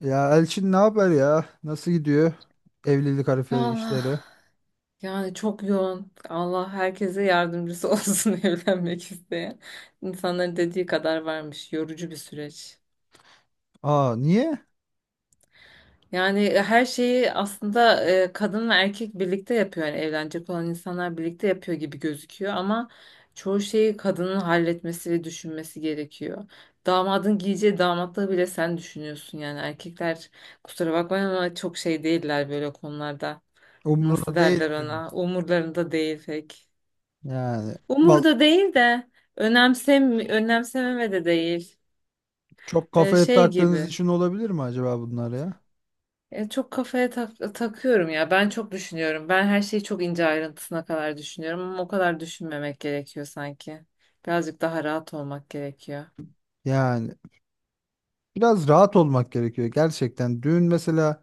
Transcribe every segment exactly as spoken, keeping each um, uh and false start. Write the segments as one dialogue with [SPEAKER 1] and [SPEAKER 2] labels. [SPEAKER 1] Ya Elçin, ne haber ya? Nasıl gidiyor evlilik harfi
[SPEAKER 2] Ya Allah
[SPEAKER 1] işleri?
[SPEAKER 2] yani çok yoğun. Allah herkese yardımcısı olsun evlenmek isteyen. İnsanların dediği kadar varmış. Yorucu bir süreç.
[SPEAKER 1] Aa, niye?
[SPEAKER 2] Yani e, her şeyi aslında e, kadın ve erkek birlikte yapıyor. Yani evlenecek olan insanlar birlikte yapıyor gibi gözüküyor ama çoğu şeyi kadının halletmesi ve düşünmesi gerekiyor. Damadın giyeceği damatlığı bile sen düşünüyorsun yani. Erkekler kusura bakmayın ama çok şey değiller böyle konularda. Nasıl
[SPEAKER 1] Umruna değil
[SPEAKER 2] derler
[SPEAKER 1] ki bu.
[SPEAKER 2] ona? Umurlarında değil pek.
[SPEAKER 1] Yani val
[SPEAKER 2] Umurda değil de önemsem önemsememe de değil.
[SPEAKER 1] çok
[SPEAKER 2] Ee,
[SPEAKER 1] kafaya
[SPEAKER 2] şey
[SPEAKER 1] taktığınız
[SPEAKER 2] gibi.
[SPEAKER 1] için olabilir mi acaba bunlar ya?
[SPEAKER 2] E, çok kafaya tak- takıyorum ya. Ben çok düşünüyorum. Ben her şeyi çok ince ayrıntısına kadar düşünüyorum ama o kadar düşünmemek gerekiyor sanki. Birazcık daha rahat olmak gerekiyor.
[SPEAKER 1] Yani biraz rahat olmak gerekiyor gerçekten. Düğün mesela,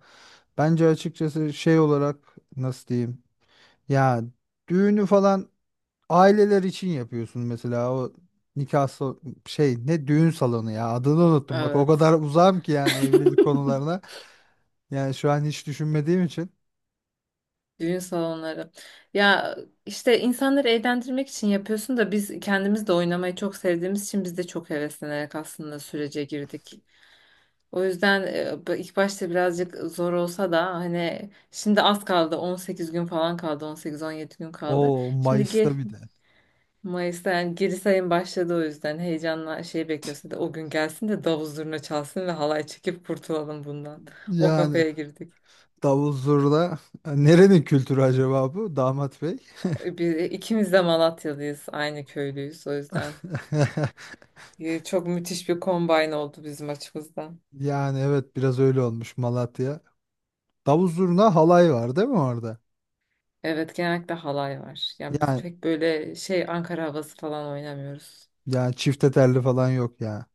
[SPEAKER 1] bence açıkçası şey olarak nasıl diyeyim? Ya, düğünü falan aileler için yapıyorsun mesela. O nikah sal- şey, ne düğün salonu ya, adını unuttum, bak o
[SPEAKER 2] Evet.
[SPEAKER 1] kadar uzağım ki yani evlilik konularına. Yani şu an hiç düşünmediğim için.
[SPEAKER 2] Düğün salonları. Ya işte insanları eğlendirmek için yapıyorsun da biz kendimiz de oynamayı çok sevdiğimiz için biz de çok heveslenerek aslında sürece girdik. O yüzden e, ilk başta birazcık zor olsa da hani şimdi az kaldı, on sekiz gün falan kaldı, on sekiz on yedi gün kaldı.
[SPEAKER 1] O
[SPEAKER 2] Şimdi gi-
[SPEAKER 1] Mayıs'ta bir de.
[SPEAKER 2] Mayıs'ta yani geri sayım başladı, o yüzden heyecanla şey bekliyorsa da o gün gelsin de davul zurna çalsın ve halay çekip kurtulalım bundan. O
[SPEAKER 1] Yani
[SPEAKER 2] kafaya girdik.
[SPEAKER 1] davul zurna nerenin kültürü acaba bu damat bey?
[SPEAKER 2] E, Biz e, ikimiz de Malatyalıyız, aynı köylüyüz, o yüzden e, çok müthiş bir kombine oldu bizim açımızdan.
[SPEAKER 1] Yani evet, biraz öyle olmuş Malatya. Davul zurna halay var değil mi orada?
[SPEAKER 2] Evet, genellikle halay var. Ya biz
[SPEAKER 1] Yani
[SPEAKER 2] pek böyle şey Ankara havası falan oynamıyoruz.
[SPEAKER 1] yani çifte telli falan yok ya.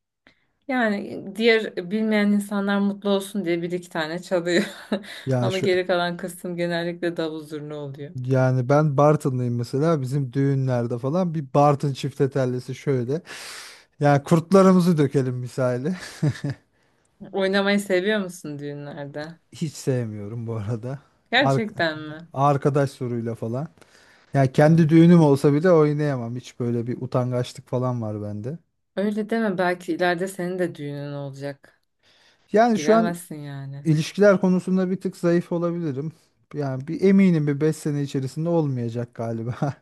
[SPEAKER 2] Yani diğer bilmeyen insanlar mutlu olsun diye bir iki tane çalıyor.
[SPEAKER 1] Yani
[SPEAKER 2] Ama
[SPEAKER 1] şu,
[SPEAKER 2] geri kalan kısım genellikle davul zurna oluyor.
[SPEAKER 1] yani ben Bartınlıyım mesela, bizim düğünlerde falan bir Bartın çifte tellisi şöyle. Yani kurtlarımızı dökelim misali.
[SPEAKER 2] Oynamayı seviyor musun düğünlerde?
[SPEAKER 1] Hiç sevmiyorum bu arada. Ar-
[SPEAKER 2] Gerçekten mi?
[SPEAKER 1] arkadaş soruyla falan. Yani
[SPEAKER 2] Ha.
[SPEAKER 1] kendi düğünüm olsa bile oynayamam. Hiç böyle bir utangaçlık falan var bende.
[SPEAKER 2] Öyle deme, belki ileride senin de düğünün olacak.
[SPEAKER 1] Yani şu an
[SPEAKER 2] Bilemezsin yani.
[SPEAKER 1] ilişkiler konusunda bir tık zayıf olabilirim. Yani bir eminim, bir beş sene içerisinde olmayacak galiba.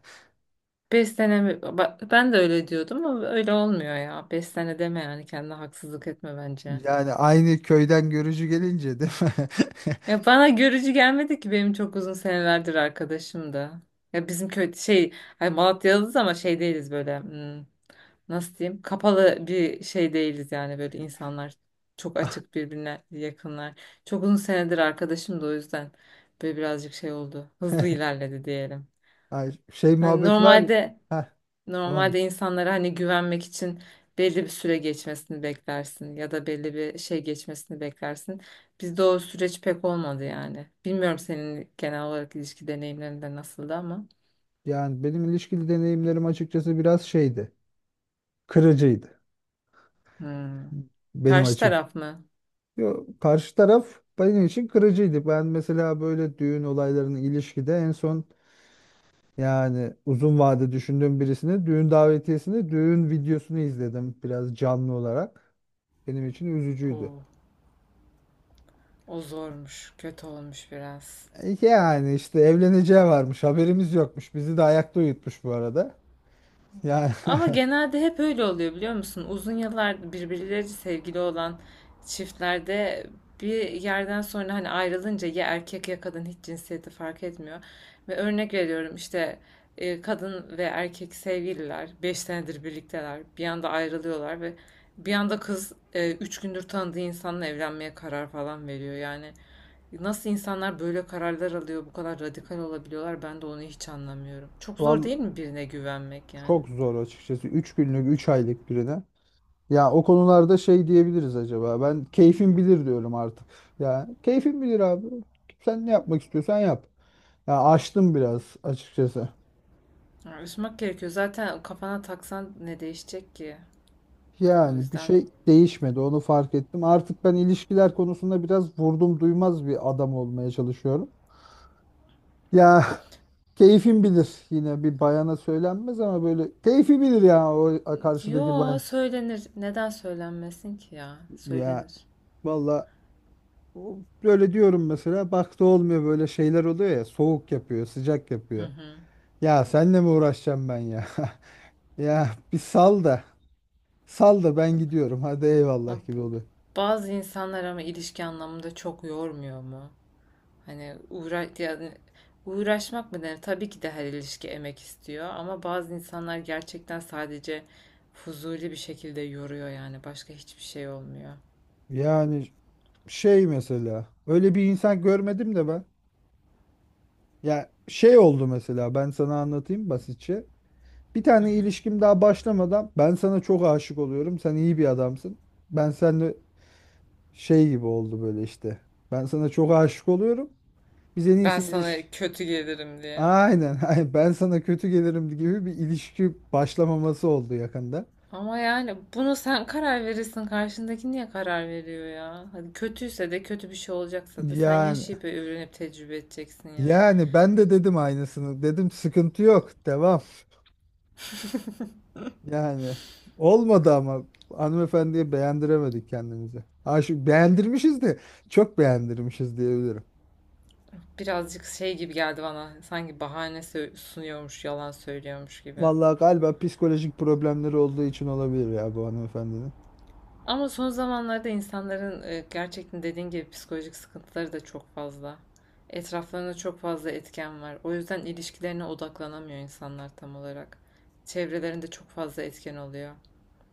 [SPEAKER 2] Beş sene mi? Ba- Ben de öyle diyordum ama öyle olmuyor ya. Beş sene deme yani, kendine haksızlık etme bence.
[SPEAKER 1] Yani aynı köyden görücü gelince değil mi?
[SPEAKER 2] Ya bana görücü gelmedi ki, benim çok uzun senelerdir arkadaşım da. Ya bizim köy şey, hani Malatyalıyız ama şey değiliz böyle, hmm, nasıl diyeyim, kapalı bir şey değiliz yani, böyle insanlar çok açık, birbirine yakınlar. Çok uzun senedir arkadaşım da, o yüzden böyle birazcık şey oldu, hızlı ilerledi diyelim.
[SPEAKER 1] Ay, şey
[SPEAKER 2] Hani
[SPEAKER 1] muhabbet var.
[SPEAKER 2] normalde
[SPEAKER 1] Heh, tamam.
[SPEAKER 2] Normalde insanlara hani güvenmek için belli bir süre geçmesini beklersin ya da belli bir şey geçmesini beklersin. Bizde o süreç pek olmadı yani. Bilmiyorum, senin genel olarak ilişki deneyimlerinde nasıldı ama.
[SPEAKER 1] Yani benim ilişkili deneyimlerim açıkçası biraz şeydi. Kırıcıydı
[SPEAKER 2] Hmm.
[SPEAKER 1] benim
[SPEAKER 2] Karşı
[SPEAKER 1] açım.
[SPEAKER 2] taraf mı?
[SPEAKER 1] Yo, karşı taraf benim için kırıcıydı. Ben mesela böyle düğün olaylarının ilişkide en son, yani uzun vade düşündüğüm birisini, düğün davetiyesini, düğün videosunu izledim biraz canlı olarak. Benim için üzücüydü.
[SPEAKER 2] Oo, o zormuş, kötü olmuş biraz.
[SPEAKER 1] E, Yani işte evleneceği varmış, haberimiz yokmuş. Bizi de ayakta uyutmuş bu arada. Yani
[SPEAKER 2] Ama genelde hep öyle oluyor, biliyor musun? Uzun yıllar birbirleriyle sevgili olan çiftlerde bir yerden sonra hani ayrılınca ya erkek ya kadın, hiç cinsiyeti fark etmiyor. Ve örnek veriyorum, işte e, kadın ve erkek sevgililer beş senedir birlikteler. Bir anda ayrılıyorlar ve bir anda kız e, üç gündür tanıdığı insanla evlenmeye karar falan veriyor. Yani nasıl insanlar böyle kararlar alıyor, bu kadar radikal olabiliyorlar, ben de onu hiç anlamıyorum. Çok zor
[SPEAKER 1] val
[SPEAKER 2] değil mi birine güvenmek yani?
[SPEAKER 1] çok zor açıkçası. Üç günlük, üç aylık birine. Ya o konularda şey diyebiliriz acaba. Ben keyfim bilir diyorum artık. Ya keyfim bilir abi. Sen ne yapmak istiyorsan yap. Ya açtım biraz açıkçası.
[SPEAKER 2] Ha, üzmek gerekiyor. Zaten kafana taksan ne değişecek ki? O
[SPEAKER 1] Yani bir
[SPEAKER 2] yüzden.
[SPEAKER 1] şey değişmedi, onu fark ettim. Artık ben ilişkiler konusunda biraz vurdum duymaz bir adam olmaya çalışıyorum. Ya, keyfim bilir yine, bir bayana söylenmez ama böyle keyfi bilir ya o karşıdaki
[SPEAKER 2] Yo,
[SPEAKER 1] bayan.
[SPEAKER 2] söylenir. Neden söylenmesin ki ya?
[SPEAKER 1] Ya
[SPEAKER 2] Söylenir.
[SPEAKER 1] valla, o- böyle diyorum mesela, bak da olmuyor böyle şeyler oluyor ya, soğuk yapıyor, sıcak
[SPEAKER 2] Hı
[SPEAKER 1] yapıyor.
[SPEAKER 2] hı.
[SPEAKER 1] Ya senle mi uğraşacağım ben ya? Ya bir sal da, sal da ben gidiyorum hadi,
[SPEAKER 2] Ama
[SPEAKER 1] eyvallah gibi oluyor.
[SPEAKER 2] Bazı insanlar ama ilişki anlamında çok yormuyor mu? Hani uğra yani uğraşmak mı denir? Tabii ki de her ilişki emek istiyor ama bazı insanlar gerçekten sadece fuzuli bir şekilde yoruyor yani. Başka hiçbir şey olmuyor.
[SPEAKER 1] Yani şey, mesela öyle bir insan görmedim de ben. Ya şey oldu mesela, ben sana anlatayım basitçe. Bir
[SPEAKER 2] Hı
[SPEAKER 1] tane
[SPEAKER 2] hı.
[SPEAKER 1] ilişkim daha başlamadan, ben sana çok aşık oluyorum, sen iyi bir adamsın. Ben seninle şey gibi oldu böyle işte. Ben sana çok aşık oluyorum. Biz en
[SPEAKER 2] Ben
[SPEAKER 1] iyisi
[SPEAKER 2] sana
[SPEAKER 1] ilişki.
[SPEAKER 2] kötü gelirim diye.
[SPEAKER 1] Aynen. Aynen. Ben sana kötü gelirim gibi bir ilişki başlamaması oldu yakında.
[SPEAKER 2] Ama yani bunu sen karar verirsin. Karşındaki niye karar veriyor ya? Hadi kötüyse de, kötü bir şey olacaksa da sen
[SPEAKER 1] Yani
[SPEAKER 2] yaşayıp öğrenip tecrübe edeceksin yani.
[SPEAKER 1] yani ben de dedim aynısını. Dedim sıkıntı yok, devam. Yani olmadı ama hanımefendiye beğendiremedik kendimizi. Aşık beğendirmişiz de çok beğendirmişiz diyebilirim.
[SPEAKER 2] Birazcık şey gibi geldi bana. Sanki bahane sö- sunuyormuş, yalan söylüyormuş gibi.
[SPEAKER 1] Vallahi galiba psikolojik problemleri olduğu için olabilir ya bu hanımefendinin.
[SPEAKER 2] Ama son zamanlarda insanların e, gerçekten dediğin gibi psikolojik sıkıntıları da çok fazla. Etraflarında çok fazla etken var. O yüzden ilişkilerine odaklanamıyor insanlar tam olarak. Çevrelerinde çok fazla etken oluyor.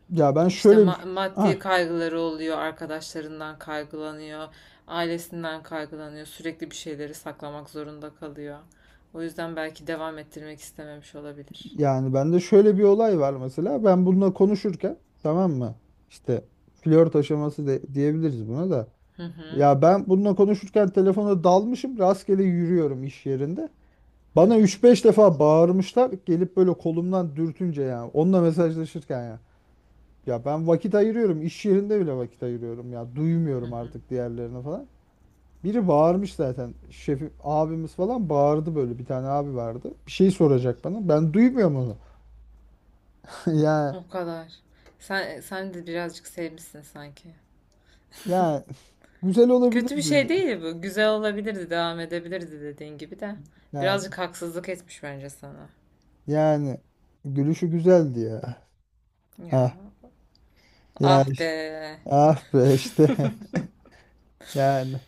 [SPEAKER 1] Ya ben
[SPEAKER 2] İşte
[SPEAKER 1] şöyle
[SPEAKER 2] ma-
[SPEAKER 1] bir
[SPEAKER 2] maddi
[SPEAKER 1] ah
[SPEAKER 2] kaygıları oluyor, arkadaşlarından kaygılanıyor, ailesinden kaygılanıyor. Sürekli bir şeyleri saklamak zorunda kalıyor. O yüzden belki devam ettirmek istememiş olabilir.
[SPEAKER 1] yani Bende şöyle bir olay var mesela. Ben bununla konuşurken, tamam mı, İşte flört aşaması de, diyebiliriz buna da.
[SPEAKER 2] Hı hı,
[SPEAKER 1] Ya ben bununla konuşurken telefona dalmışım, rastgele yürüyorum iş yerinde.
[SPEAKER 2] hı
[SPEAKER 1] Bana
[SPEAKER 2] hı,
[SPEAKER 1] üç beş defa bağırmışlar, gelip böyle kolumdan dürtünce ya, onunla mesajlaşırken ya. Ya ben vakit ayırıyorum, iş yerinde bile vakit ayırıyorum ya.
[SPEAKER 2] hı
[SPEAKER 1] Duymuyorum
[SPEAKER 2] hı.
[SPEAKER 1] artık diğerlerini falan. Biri bağırmış zaten. Şefi abimiz falan bağırdı böyle. Bir tane abi vardı, bir şey soracak bana. Ben duymuyorum onu. Ya
[SPEAKER 2] O kadar. Sen sen de birazcık sevmişsin sanki.
[SPEAKER 1] ya güzel olabilir
[SPEAKER 2] Kötü bir şey
[SPEAKER 1] dedi.
[SPEAKER 2] değil bu. Güzel olabilirdi, devam edebilirdi dediğin gibi de.
[SPEAKER 1] Yani
[SPEAKER 2] Birazcık haksızlık etmiş bence sana.
[SPEAKER 1] yani gülüşü güzeldi ya.
[SPEAKER 2] Ya,
[SPEAKER 1] Ah ya
[SPEAKER 2] ah be.
[SPEAKER 1] işte- ah be işte yani.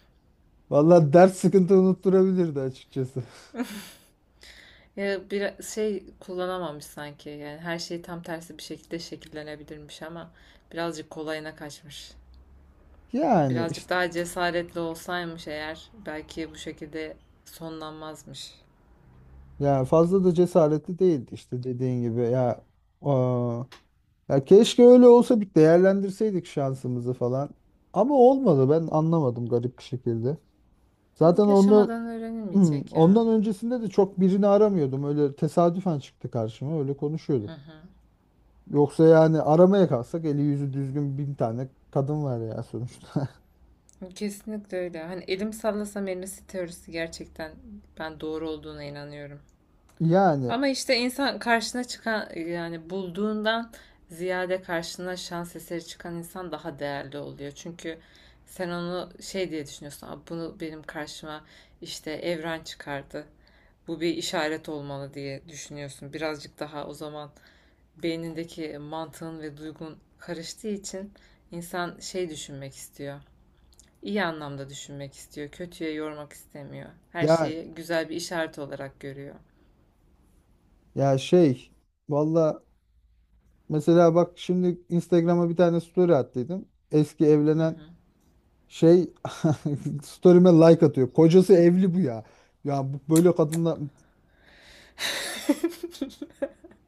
[SPEAKER 1] Vallahi dert sıkıntı unutturabilirdi açıkçası.
[SPEAKER 2] Ya bir şey kullanamamış sanki. Yani her şey tam tersi bir şekilde şekillenebilirmiş ama birazcık kolayına kaçmış.
[SPEAKER 1] Yani
[SPEAKER 2] Birazcık
[SPEAKER 1] işte,
[SPEAKER 2] daha cesaretli olsaymış eğer, belki bu şekilde sonlanmazmış.
[SPEAKER 1] ya fazla da cesaretli değildi işte dediğin gibi ya, aa, ya keşke öyle olsa, bir değerlendirseydik şansımızı falan. Ama olmadı, ben anlamadım garip bir şekilde. Zaten ondan
[SPEAKER 2] Yaşamadan öğrenilmeyecek ya.
[SPEAKER 1] ondan öncesinde de çok birini aramıyordum. Öyle tesadüfen çıktı karşıma, öyle
[SPEAKER 2] Hı
[SPEAKER 1] konuşuyorduk.
[SPEAKER 2] hı.
[SPEAKER 1] Yoksa yani aramaya kalsak eli yüzü düzgün bin tane kadın var ya sonuçta.
[SPEAKER 2] Kesinlikle öyle. Hani elim sallasam elmesi teorisi, gerçekten ben doğru olduğuna inanıyorum.
[SPEAKER 1] Yani
[SPEAKER 2] Ama işte insan karşına çıkan, yani bulduğundan ziyade karşına şans eseri çıkan insan daha değerli oluyor. Çünkü sen onu şey diye düşünüyorsun. "Aa, bunu benim karşıma işte evren çıkardı. Bu bir işaret olmalı," diye düşünüyorsun. Birazcık daha o zaman beynindeki mantığın ve duygun karıştığı için insan şey düşünmek istiyor. İyi anlamda düşünmek istiyor. Kötüye yormak istemiyor. Her
[SPEAKER 1] ya
[SPEAKER 2] şeyi güzel bir işaret olarak görüyor.
[SPEAKER 1] ya şey valla Mesela bak, şimdi Instagram'a bir tane story attıydım. Eski
[SPEAKER 2] Hı
[SPEAKER 1] evlenen
[SPEAKER 2] hı.
[SPEAKER 1] şey, story'me like atıyor. Kocası evli bu ya. Ya bu- böyle kadınla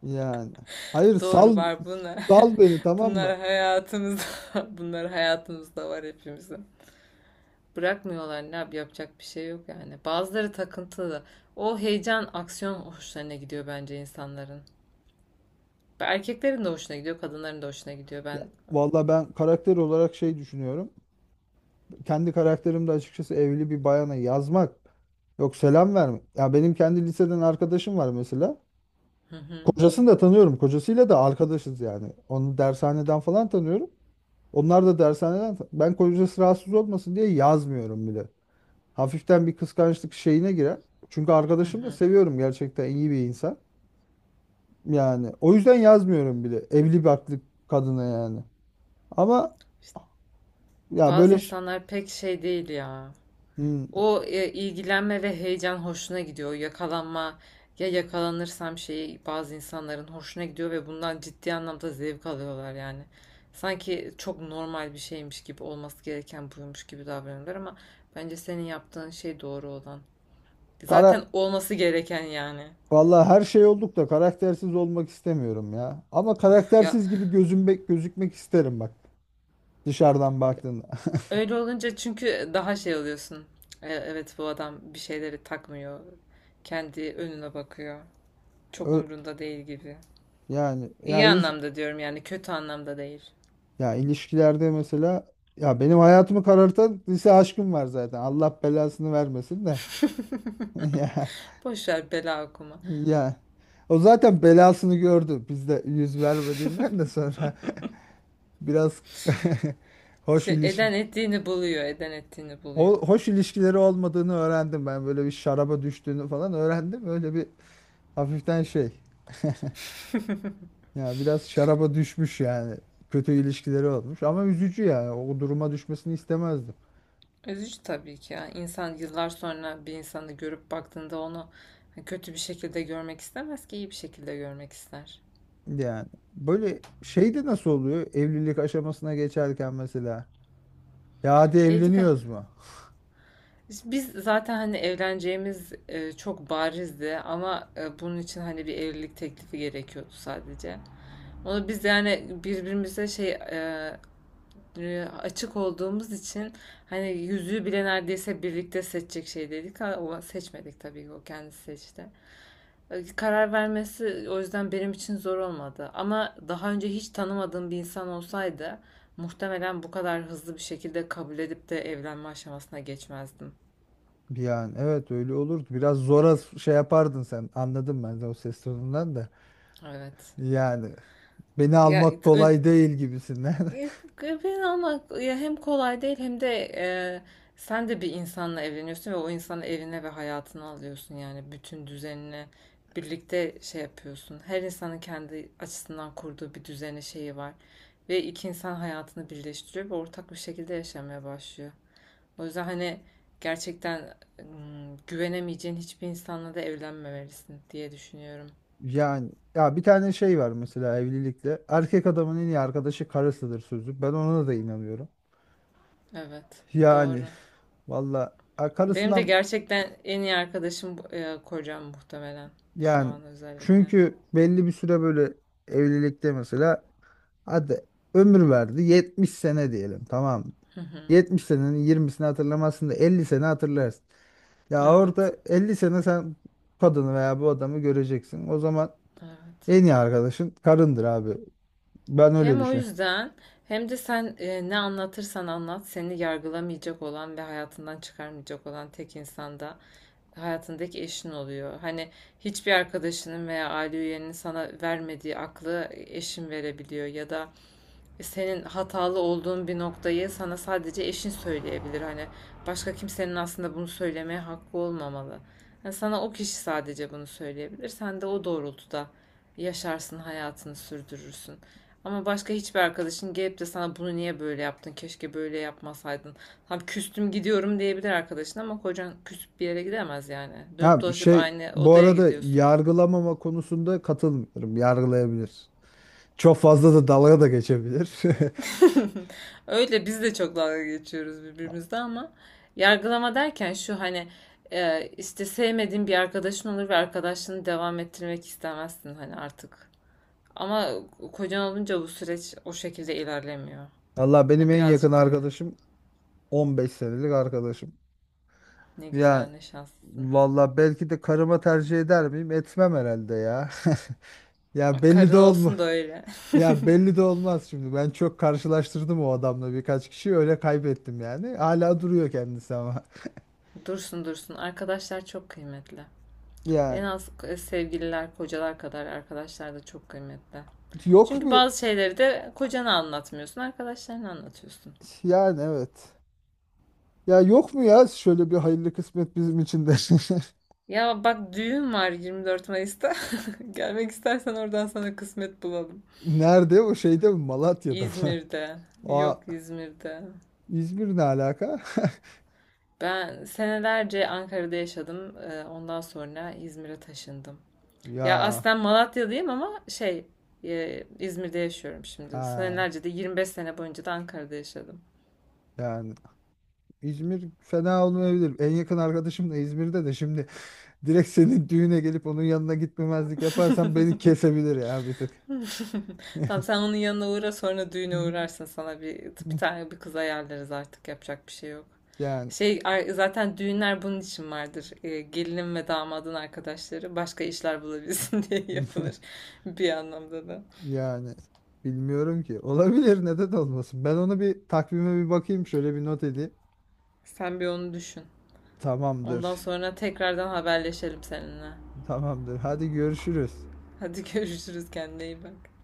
[SPEAKER 1] yani. Hayır,
[SPEAKER 2] Doğru
[SPEAKER 1] sal
[SPEAKER 2] var bunlar.
[SPEAKER 1] sal beni, tamam mı?
[SPEAKER 2] Bunlar hayatımızda, bunlar hayatımızda var hepimizin. Bırakmıyorlar, ne yap yapacak bir şey yok yani. Bazıları takıntılı. O heyecan, aksiyon hoşlarına gidiyor bence insanların. Erkeklerin de hoşuna gidiyor, kadınların da hoşuna gidiyor. Ben
[SPEAKER 1] Ya, vallahi ben karakter olarak şey düşünüyorum. Kendi karakterimde açıkçası evli bir bayana yazmak, yok, selam verme. Ya benim kendi liseden arkadaşım var mesela,
[SPEAKER 2] hı hı
[SPEAKER 1] kocasını da tanıyorum, kocasıyla da arkadaşız yani. Onu dershaneden falan tanıyorum. Onlar da dershaneden, ben kocası rahatsız olmasın diye yazmıyorum bile. Hafiften bir kıskançlık şeyine girer. Çünkü
[SPEAKER 2] hı
[SPEAKER 1] arkadaşım, da
[SPEAKER 2] hı.
[SPEAKER 1] seviyorum, gerçekten iyi bir insan. Yani o yüzden yazmıyorum bile evli barklı kadına yani. Ama
[SPEAKER 2] İşte
[SPEAKER 1] ya
[SPEAKER 2] bazı
[SPEAKER 1] böyle ş-
[SPEAKER 2] insanlar pek şey değil ya.
[SPEAKER 1] hmm,
[SPEAKER 2] O e, ilgilenme ve heyecan hoşuna gidiyor. Yakalanma, ya yakalanırsam şeyi bazı insanların hoşuna gidiyor ve bundan ciddi anlamda zevk alıyorlar yani. Sanki çok normal bir şeymiş gibi, olması gereken buymuş gibi davranıyorlar ama bence senin yaptığın şey doğru olan.
[SPEAKER 1] kara
[SPEAKER 2] Zaten olması gereken yani.
[SPEAKER 1] vallahi her şey olduk da karaktersiz olmak istemiyorum ya. Ama
[SPEAKER 2] Of ya,
[SPEAKER 1] karaktersiz gibi gözüm gözükmek isterim bak, dışarıdan baktığında.
[SPEAKER 2] öyle olunca çünkü daha şey oluyorsun. E, Evet bu adam bir şeyleri takmıyor. Kendi önüne bakıyor. Çok
[SPEAKER 1] Ö-
[SPEAKER 2] umrunda değil gibi.
[SPEAKER 1] yani
[SPEAKER 2] İyi
[SPEAKER 1] yani
[SPEAKER 2] anlamda diyorum yani, kötü anlamda değil.
[SPEAKER 1] Ya ilişkilerde mesela, ya benim hayatımı karartan lise aşkım var zaten. Allah belasını vermesin de.
[SPEAKER 2] Boş ver, bela okuma.
[SPEAKER 1] Ya ya o zaten belasını gördü. Biz de yüz vermediğinden de sonra biraz, hoş
[SPEAKER 2] İşte
[SPEAKER 1] ilişki
[SPEAKER 2] eden ettiğini buluyor, eden ettiğini buluyor.
[SPEAKER 1] ho- hoş ilişkileri olmadığını öğrendim ben. Böyle bir şaraba düştüğünü falan öğrendim. Öyle bir hafiften şey. Ya biraz şaraba düşmüş yani. Kötü ilişkileri olmuş, ama üzücü yani. O duruma düşmesini istemezdim.
[SPEAKER 2] Üzücü tabii ki ya. İnsan yıllar sonra bir insanı görüp baktığında onu kötü bir şekilde görmek istemez ki, iyi bir şekilde görmek ister.
[SPEAKER 1] Yani böyle şey de nasıl oluyor evlilik aşamasına geçerken mesela, ya hadi
[SPEAKER 2] E, dikkat-
[SPEAKER 1] evleniyoruz mu?
[SPEAKER 2] Biz zaten hani evleneceğimiz e, çok barizdi ama e, bunun için hani bir evlilik teklifi gerekiyordu sadece. Onu biz yani birbirimize şey e, e, açık olduğumuz için hani yüzüğü bile neredeyse birlikte seçecek şey dedik ama seçmedik tabii ki, o kendisi seçti. E, Karar vermesi o yüzden benim için zor olmadı. Ama daha önce hiç tanımadığım bir insan olsaydı muhtemelen bu kadar hızlı bir şekilde kabul edip de evlenme aşamasına geçmezdim.
[SPEAKER 1] Yani evet, öyle olurdu. Biraz zora şey yapardın sen. Anladım ben de o ses tonundan da.
[SPEAKER 2] Evet.
[SPEAKER 1] Yani beni
[SPEAKER 2] Ya
[SPEAKER 1] almak kolay değil gibisinden.
[SPEAKER 2] Ya, evini almak ya hem kolay değil hem de e, sen de bir insanla evleniyorsun ve o insanı evine ve hayatına alıyorsun yani bütün düzenini birlikte şey yapıyorsun. Her insanın kendi açısından kurduğu bir düzeni şeyi var ve iki insan hayatını birleştiriyor ve ortak bir şekilde yaşamaya başlıyor. O yüzden hani gerçekten mm, güvenemeyeceğin hiçbir insanla da evlenmemelisin diye düşünüyorum.
[SPEAKER 1] Yani ya bir tane şey var mesela evlilikte. Erkek adamın en iyi arkadaşı karısıdır sözü. Ben ona da inanıyorum.
[SPEAKER 2] Evet,
[SPEAKER 1] Yani
[SPEAKER 2] doğru.
[SPEAKER 1] valla, a-
[SPEAKER 2] Benim de
[SPEAKER 1] karısından
[SPEAKER 2] gerçekten en iyi arkadaşım bu- e, kocam muhtemelen şu
[SPEAKER 1] yani,
[SPEAKER 2] an özellikle.
[SPEAKER 1] çünkü belli bir süre böyle evlilikte mesela, hadi ömür verdi yetmiş sene diyelim, tamam mı?
[SPEAKER 2] Hı hı.
[SPEAKER 1] yetmiş senenin yirmisini hatırlamazsın da elli sene hatırlarsın. Ya
[SPEAKER 2] Evet,
[SPEAKER 1] orada elli sene sen kadını veya bu adamı göreceksin. O zaman
[SPEAKER 2] evet.
[SPEAKER 1] en iyi arkadaşın karındır abi. Ben öyle
[SPEAKER 2] Hem o
[SPEAKER 1] düşünüyorum.
[SPEAKER 2] yüzden hem de sen e, ne anlatırsan anlat seni yargılamayacak olan ve hayatından çıkarmayacak olan tek insan da hayatındaki eşin oluyor. Hani hiçbir arkadaşının veya aile üyenin sana vermediği aklı eşin verebiliyor ya da senin hatalı olduğun bir noktayı sana sadece eşin söyleyebilir. Hani başka kimsenin aslında bunu söylemeye hakkı olmamalı. Yani sana o kişi sadece bunu söyleyebilir. Sen de o doğrultuda yaşarsın, hayatını sürdürürsün. Ama başka hiçbir arkadaşın gelip de sana bunu niye böyle yaptın, keşke böyle yapmasaydın. Tam küstüm gidiyorum diyebilir arkadaşın ama kocan küsüp bir yere gidemez yani. Dönüp
[SPEAKER 1] Ha
[SPEAKER 2] dolaşıp
[SPEAKER 1] şey,
[SPEAKER 2] aynı
[SPEAKER 1] bu
[SPEAKER 2] odaya
[SPEAKER 1] arada
[SPEAKER 2] gidiyorsun.
[SPEAKER 1] yargılamama konusunda katılmıyorum, yargılayabilir. Çok fazla da dalga da geçebilir.
[SPEAKER 2] Öyle biz de çok dalga geçiyoruz birbirimizle, ama yargılama derken şu hani e, işte sevmediğin bir arkadaşın olur ve arkadaşlığını devam ettirmek istemezsin hani artık. Ama kocan olunca bu süreç o şekilde ilerlemiyor.
[SPEAKER 1] Allah, benim
[SPEAKER 2] Ha,
[SPEAKER 1] en yakın
[SPEAKER 2] birazcık daha.
[SPEAKER 1] arkadaşım on beş senelik arkadaşım.
[SPEAKER 2] Ne güzel,
[SPEAKER 1] Ya
[SPEAKER 2] ne şanslısın.
[SPEAKER 1] valla belki de karıma tercih eder miyim? Etmem herhalde ya. Ya belli de
[SPEAKER 2] Karın
[SPEAKER 1] olma.
[SPEAKER 2] olsun da öyle.
[SPEAKER 1] Ya belli de olmaz şimdi. Ben çok karşılaştırdım, o adamla birkaç kişi öyle kaybettim yani. Hala duruyor kendisi ama.
[SPEAKER 2] Dursun dursun. Arkadaşlar çok kıymetli. En
[SPEAKER 1] Yani
[SPEAKER 2] az e, sevgililer, kocalar kadar arkadaşlar da çok kıymetli.
[SPEAKER 1] yok
[SPEAKER 2] Çünkü
[SPEAKER 1] mu?
[SPEAKER 2] bazı şeyleri de kocana anlatmıyorsun, arkadaşlarına anlatıyorsun.
[SPEAKER 1] Yani evet. Ya yok mu ya şöyle bir hayırlı kısmet bizim için de.
[SPEAKER 2] Ya bak, düğün var yirmi dört Mayıs'ta. Gelmek istersen oradan sana kısmet bulalım.
[SPEAKER 1] Nerede? O şeyde mi? Malatya'da mı?
[SPEAKER 2] İzmir'de.
[SPEAKER 1] Aa,
[SPEAKER 2] Yok, İzmir'de.
[SPEAKER 1] İzmir ne alaka?
[SPEAKER 2] Ben senelerce Ankara'da yaşadım. Ee, Ondan sonra İzmir'e taşındım. Ya
[SPEAKER 1] Ya
[SPEAKER 2] aslen Malatya'dayım ama şey e, İzmir'de yaşıyorum şimdi.
[SPEAKER 1] ha
[SPEAKER 2] Senelerce de, yirmi beş sene boyunca da Ankara'da yaşadım.
[SPEAKER 1] yani İzmir fena olmayabilir. En yakın arkadaşım da İzmir'de de şimdi. Direkt senin düğüne gelip onun yanına gitmemezlik yaparsan beni kesebilir ya bir tık.
[SPEAKER 2] Tamam, sen onun yanına uğra, sonra düğüne uğrarsın, sana bir bir tane bir kız ayarlarız artık, yapacak bir şey yok.
[SPEAKER 1] Yani
[SPEAKER 2] Şey ar- zaten düğünler bunun için vardır. Ee, gelinin ve damadın arkadaşları başka işler bulabilsin diye yapılır bir anlamda da.
[SPEAKER 1] yani bilmiyorum ki. Olabilir, neden olmasın? Ben onu bir takvime bir bakayım, şöyle bir not edeyim.
[SPEAKER 2] Sen bir onu düşün.
[SPEAKER 1] Tamamdır.
[SPEAKER 2] Ondan sonra tekrardan haberleşelim seninle.
[SPEAKER 1] Tamamdır. Hadi görüşürüz.
[SPEAKER 2] Hadi görüşürüz, kendine iyi bak.